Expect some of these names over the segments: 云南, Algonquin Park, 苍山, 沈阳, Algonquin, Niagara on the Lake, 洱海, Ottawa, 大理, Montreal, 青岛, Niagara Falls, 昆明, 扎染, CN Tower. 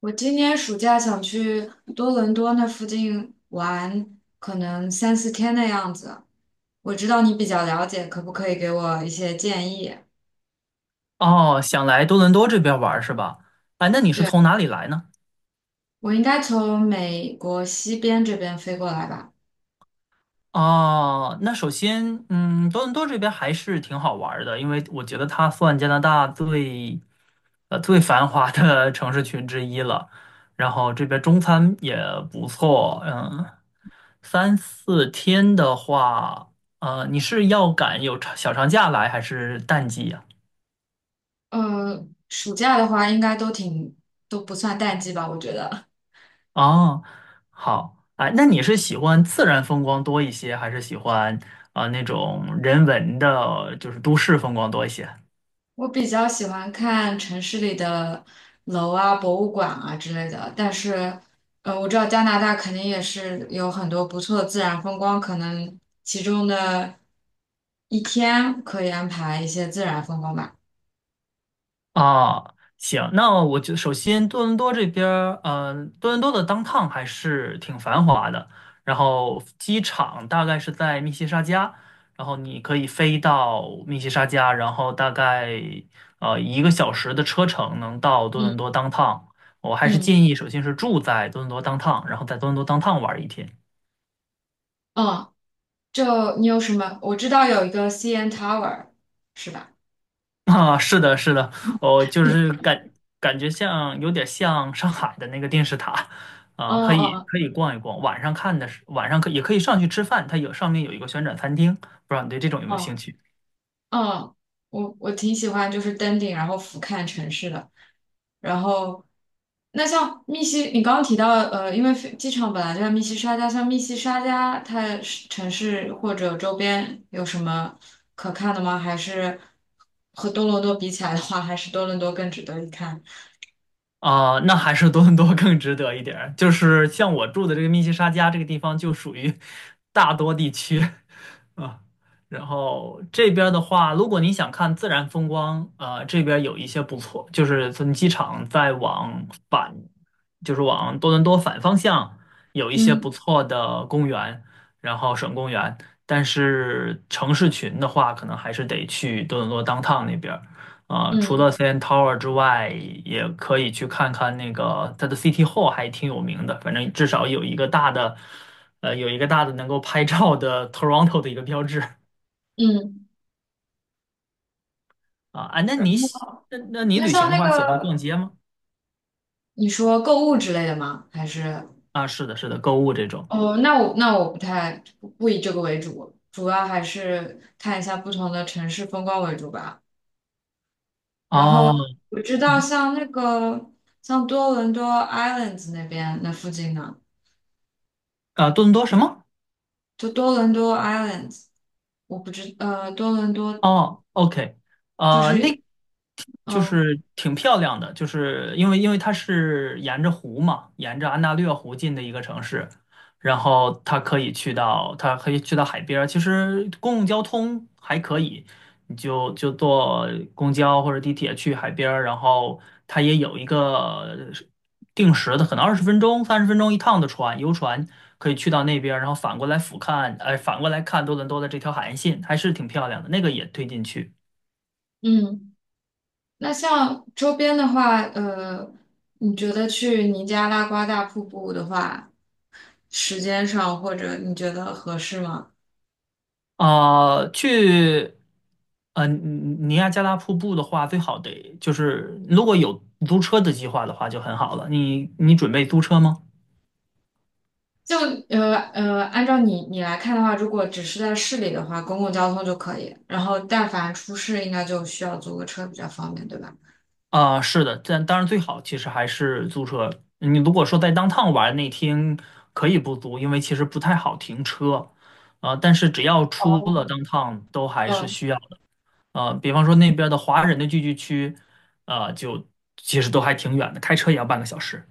我今年暑假想去多伦多那附近玩，可能三四天的样子。我知道你比较了解，可不可以给我一些建议？哦，想来多伦多这边玩儿是吧？哎，那你是从哪里来呢？我应该从美国西边这边飞过来吧？哦，那首先，嗯，多伦多这边还是挺好玩儿的，因为我觉得它算加拿大最，最繁华的 城市群之一了。然后这边中餐也不错，嗯，三四天的话，你是要赶有长小长假来还是淡季呀？暑假的话应该都挺，都不算淡季吧，我觉得。哦，好，哎，那你是喜欢自然风光多一些，还是喜欢啊、那种人文的，就是都市风光多一些？我比较喜欢看城市里的楼啊、博物馆啊之类的，但是，我知道加拿大肯定也是有很多不错的自然风光，可能其中的一天可以安排一些自然风光吧。啊，行，那我就首先多伦多这边儿嗯、多伦多的 downtown 还是挺繁华的，然后机场大概是在密西沙加，然后你可以飞到密西沙加，然后大概1 个小时的车程能到多伦嗯多 downtown。我还是嗯建议，首先是住在多伦多 downtown，然后在多伦多 downtown 玩儿一天。嗯，就你有什么？我知道有一个 CN Tower，是吧？啊，是的，是的，我 就对，是感觉像有点像上海的那个电视塔，哦啊、可以哦可以逛一逛，晚上看的是晚上可也可以上去吃饭，它有上面有一个旋转餐厅，不知道你对这种有没有兴哦趣？哦，我挺喜欢，就是登顶然后俯瞰城市的。然后，那像密西，你刚刚提到，因为飞机场本来就在密西沙加，像密西沙加，它是城市或者周边有什么可看的吗？还是和多伦多比起来的话，还是多伦多更值得一看？啊、那还是多伦多更值得一点儿，就是像我住的这个密西沙加这个地方，就属于大多地区。啊，然后这边的话，如果你想看自然风光，啊、这边有一些不错，就是从机场再往反，就是往多伦多反方向，有一些不嗯错的公园，然后省公园。但是城市群的话，可能还是得去多伦多 downtown 那边儿啊、除嗯了 CN Tower 之外，也可以去看看那个它的 City Hall，还挺有名的。反正至少有一个大的有一个大的能够拍照的 Toronto 的一个标志啊嗯。啊。那然你喜后，那那你那旅行像的那话，喜欢个逛街吗？你说购物之类的吗？还是啊，是的，是的，购物这种。哦，那我不太不以这个为主，主要还是看一下不同的城市风光为主吧。然哦，后我知道嗯，像那个像多伦多 Islands 那边那附近呢，啊，多伦多什么？就多伦多 Islands，我不知呃多伦多哦，OK，就那是就嗯是挺漂亮的，就是因为它是沿着湖嘛，沿着安大略湖进的一个城市，然后它可以去到它可以去到海边儿，其实公共交通还可以，你就坐公交或者地铁去海边儿，然后它也有一个。定时的，可能20 分钟、30 分钟一趟的船，游船可以去到那边儿然后反过来俯瞰，反过来看多伦多的这条海岸线，还是挺漂亮的。那个也推荐去。嗯，那像周边的话，你觉得去尼加拉瓜大瀑布的话，时间上或者你觉得合适吗？啊、去，尼亚加拉瀑布的话，最好得就是如果有租车的计划的话就很好了。你准备租车吗？就按照你来看的话，如果只是在市里的话，公共交通就可以，然后但凡出市，应该就需要租个车比较方便，对吧？啊，是的，但当然最好其实还是租车。你如果说在 downtown 玩那天可以不租，因为其实不太好停车。啊、但是只要出了 哦。downtown 都还是嗯，需要的。啊，比方说那边的华人的聚居区，就其实都还挺远的，开车也要半个小时。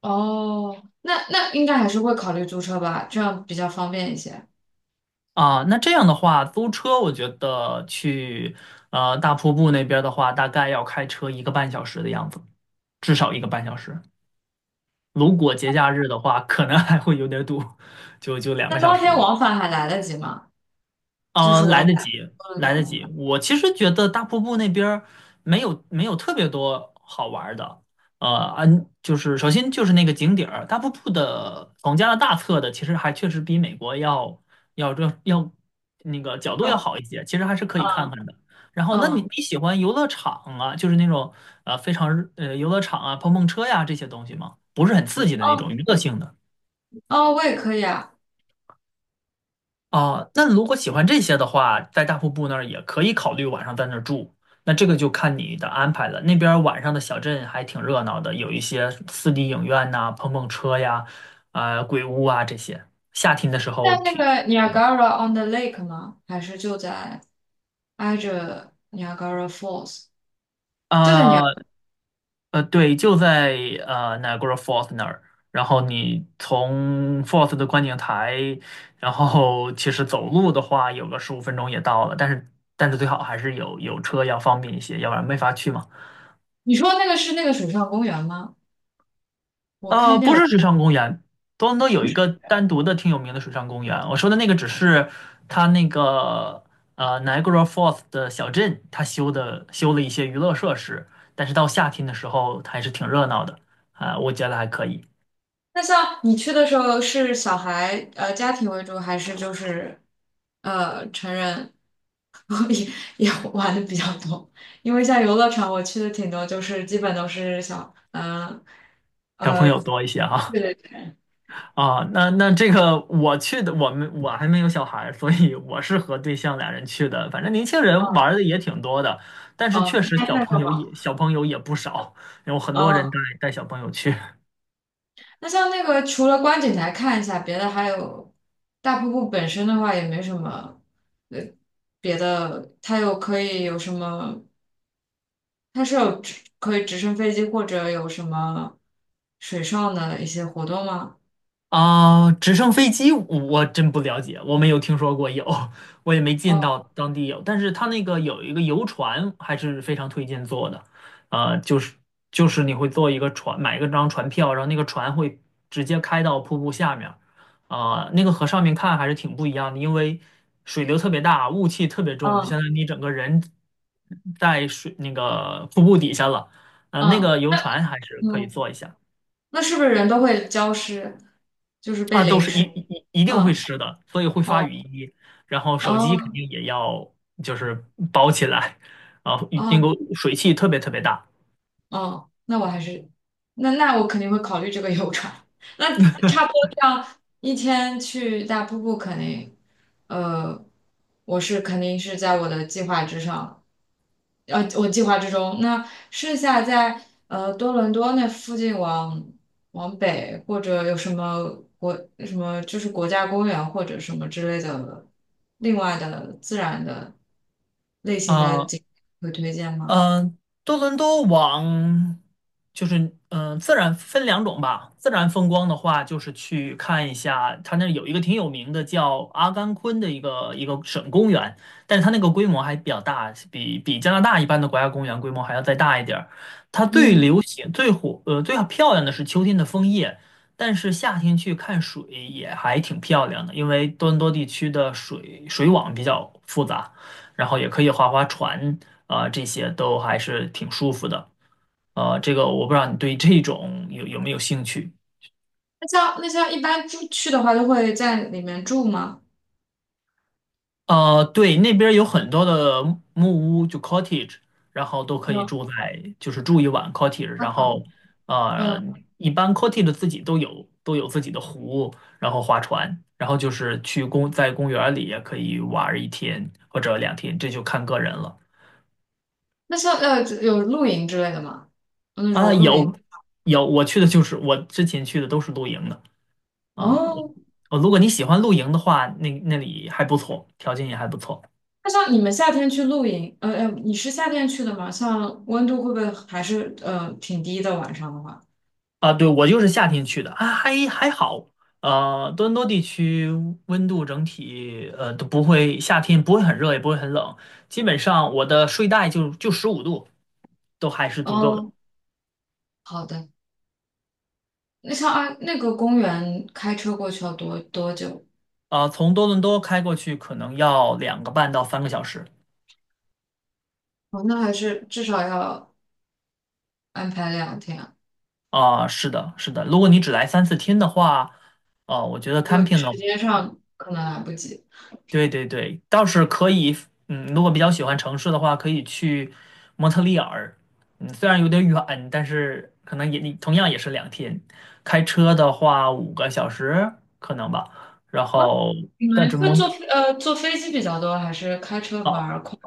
哦，那那应该还是会考虑租车吧，这样比较方便一些。啊、那这样的话，租车我觉得去大瀑布那边的话，大概要开车一个半小时的样子，至少一个半小时。如果节假日的话，可能还会有点堵，就两个那小当时天了。往返还来得及吗？嗯、来得及，多伦多来得往及。返。我其实觉得大瀑布那边儿没有特别多好玩儿的。就是首先就是那个景点儿，大瀑布的从加拿大测的，其实还确实比美国要那个角度要哦，好一些，其实还是可以看嗯看的。然后，那你嗯你喜欢游乐场啊，就是那种非常游乐场啊、碰碰车呀这些东西吗？不是很刺激的那种哦娱乐性的。哦，我也可以啊，啊，那如果喜欢这些的话，在大瀑布那儿也可以考虑晚上在那儿住。那这个就看你的安排了。那边儿晚上的小镇还挺热闹的，有一些 4D 影院呐、碰碰车呀、啊、鬼屋啊这些。夏天的时候在那挺个 Niagara on the Lake 吗？还是就在挨着 Niagara Falls？就在尼亚，啊对，就在Niagara Falls 那儿。然后你从 Falls 的观景台，然后其实走路的话，有个15 分钟也到了。但是最好还是有车要方便一些，要不然没法去嘛。你说那个是那个水上公园吗？我看见不是有。水上公园，多伦多有一个单独的挺有名的水上公园。我说的那个只是它那个Niagara Falls 的小镇，它修了一些娱乐设施，但是到夏天的时候它还是挺热闹的啊、我觉得还可以，那像你去的时候是小孩家庭为主，还是就是成人 也也玩的比较多？因为像游乐场我去的挺多，就是基本都是小小朋友多一些哈对对对，啊、那那这个我去的，我们我还没有小孩儿所以我是和对象俩人去的。反正年轻人玩哦，儿的也挺多的，但是哦确实那那就好。小朋友也不少，有很多人哦，带小朋友去。那像那个除了观景台看一下，别的还有大瀑布本身的话也没什么呃别的，它有可以有什么它是有直可以直升飞机或者有什么水上的一些活动吗？啊，直升飞机我真不了解，我没有听说过有，我也没见哦，到当地有。但是它那个有一个游船，还是非常推荐坐的。呃，就是你会坐一个船，买一个张船票，然后那个船会直接开到瀑布下面儿啊、那个和上面看还是挺不一样的，因为水流特别大，雾气特别重，就相嗯当于你整个人在水那个瀑布底下了。那嗯个游船还是可以嗯，坐一下。那是不是人都会浇湿，就是被啊，都淋是湿？一嗯一一定会嗯湿的，所以会发哦雨衣。然后手机肯哦定也要就是包起来，啊，因哦为水汽特别特别大。哦，那我还是那那我肯定会考虑这个游船。那差不多这样一天去大瀑布肯定，呃，我是肯定是在我的计划之上的。我计划之中。那剩下在多伦多那附近往往北，或者有什么国什么就是国家公园或者什么之类的，另外的自然的类型的啊、景会推荐吗？嗯，多伦多往就是嗯，自然分两种吧。自然风光的话，就是去看一下，它那儿有一个挺有名的叫阿甘昆的一个省公园，但是它那个规模还比较大，比加拿大一般的国家公园规模还要再大一点儿。它最嗯，流行、最火、最漂亮的是秋天的枫叶，但是夏天去看水也还挺漂亮的，因为多伦多地区的水网比较复杂。然后也可以划划船啊，这些都还是挺舒服的。这个我不知道你对这种有没有兴趣？那像那像一般住去的话，都会在里面住吗？对，那边儿有很多的木屋，就 cottage，然后都可以有，住在，就是住一晚 cottage，然后阿呃，嗯，一般 cottage 自己都有自己的湖，然后划船，然后就是在公园儿里也可以玩儿一天或者两天，这就看个人了。那像有露营之类的吗？有那啊，种露营有，我去的就是我之前去的都是露营的。啊，哦，哦，如果你喜欢露营的话，那那里还不错，条件也还不错那像你们夏天去露营，你是夏天去的吗？像温度会不会还是挺低的？晚上的话，啊。对，我就是夏天去的啊，还好。多伦多地区温度整体都不会，夏天不会很热，也不会很冷，基本上我的睡袋就15 度都还是足够的。哦，好的。那像啊，那个公园开车过去要多多久？啊、从多伦多开过去可能要2 个半到 3 个小时。哦，那还是至少要安排两天啊啊、是的，是的。如果你只来三四天的话，我觉得 就 camping 呢。时间上可能来不及。对对对，倒是可以，嗯，如果比较喜欢城市的话，可以去蒙特利尔，嗯，虽然有点远，但是可能也同样也是两天，开车的话5 个小时可能吧，然哦，后你们但是会坐蒙飞坐飞机比较多，还是开车反啊而快？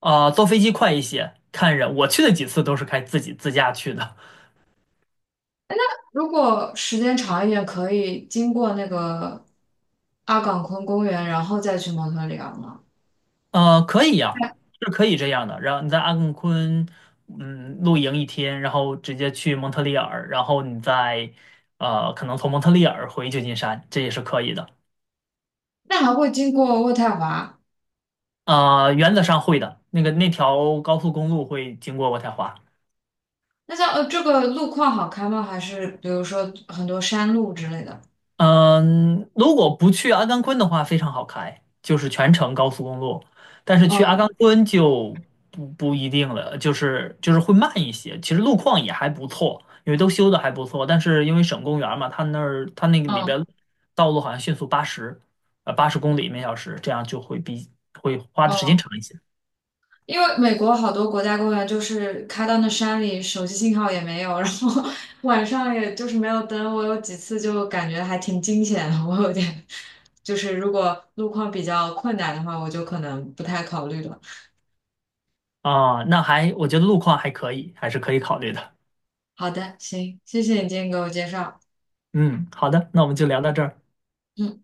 啊、坐飞机快一些，看人，我去的几次都是开自己自驾去的，如果时间长一点，可以经过那个阿岗昆公园，然后再去蒙特利尔吗？可以呀、是可以这样的。然后你在阿根昆，嗯，露营一天，然后直接去蒙特利尔，然后你再，可能从蒙特利尔回旧金山，这也是可以的。那还会经过渥太华？原则上会的。那个那条高速公路会经过渥太华。那像这个路况好开吗？还是比如说很多山路之类的？嗯，如果不去阿甘昆的话，非常好开，就是全程高速公路。但是去阿嗯甘昆就不一定了，就是会慢一些。其实路况也还不错，因为都修的还不错。但是因为省公园儿嘛，它那儿它那个里嗯边道路好像限速八十，80 公里每小时，这样就会花的时间嗯，长一些因为美国好多国家公园就是开到那山里，手机信号也没有，然后 晚上也就是没有灯。我有几次就感觉还挺惊险的，我有点就是如果路况比较困难的话，我就可能不太考虑了。啊。我觉得路况还可以，还是可以考虑的。好的，行，谢谢你今天给我介绍。嗯，好的，那我们就聊到这儿。嗯。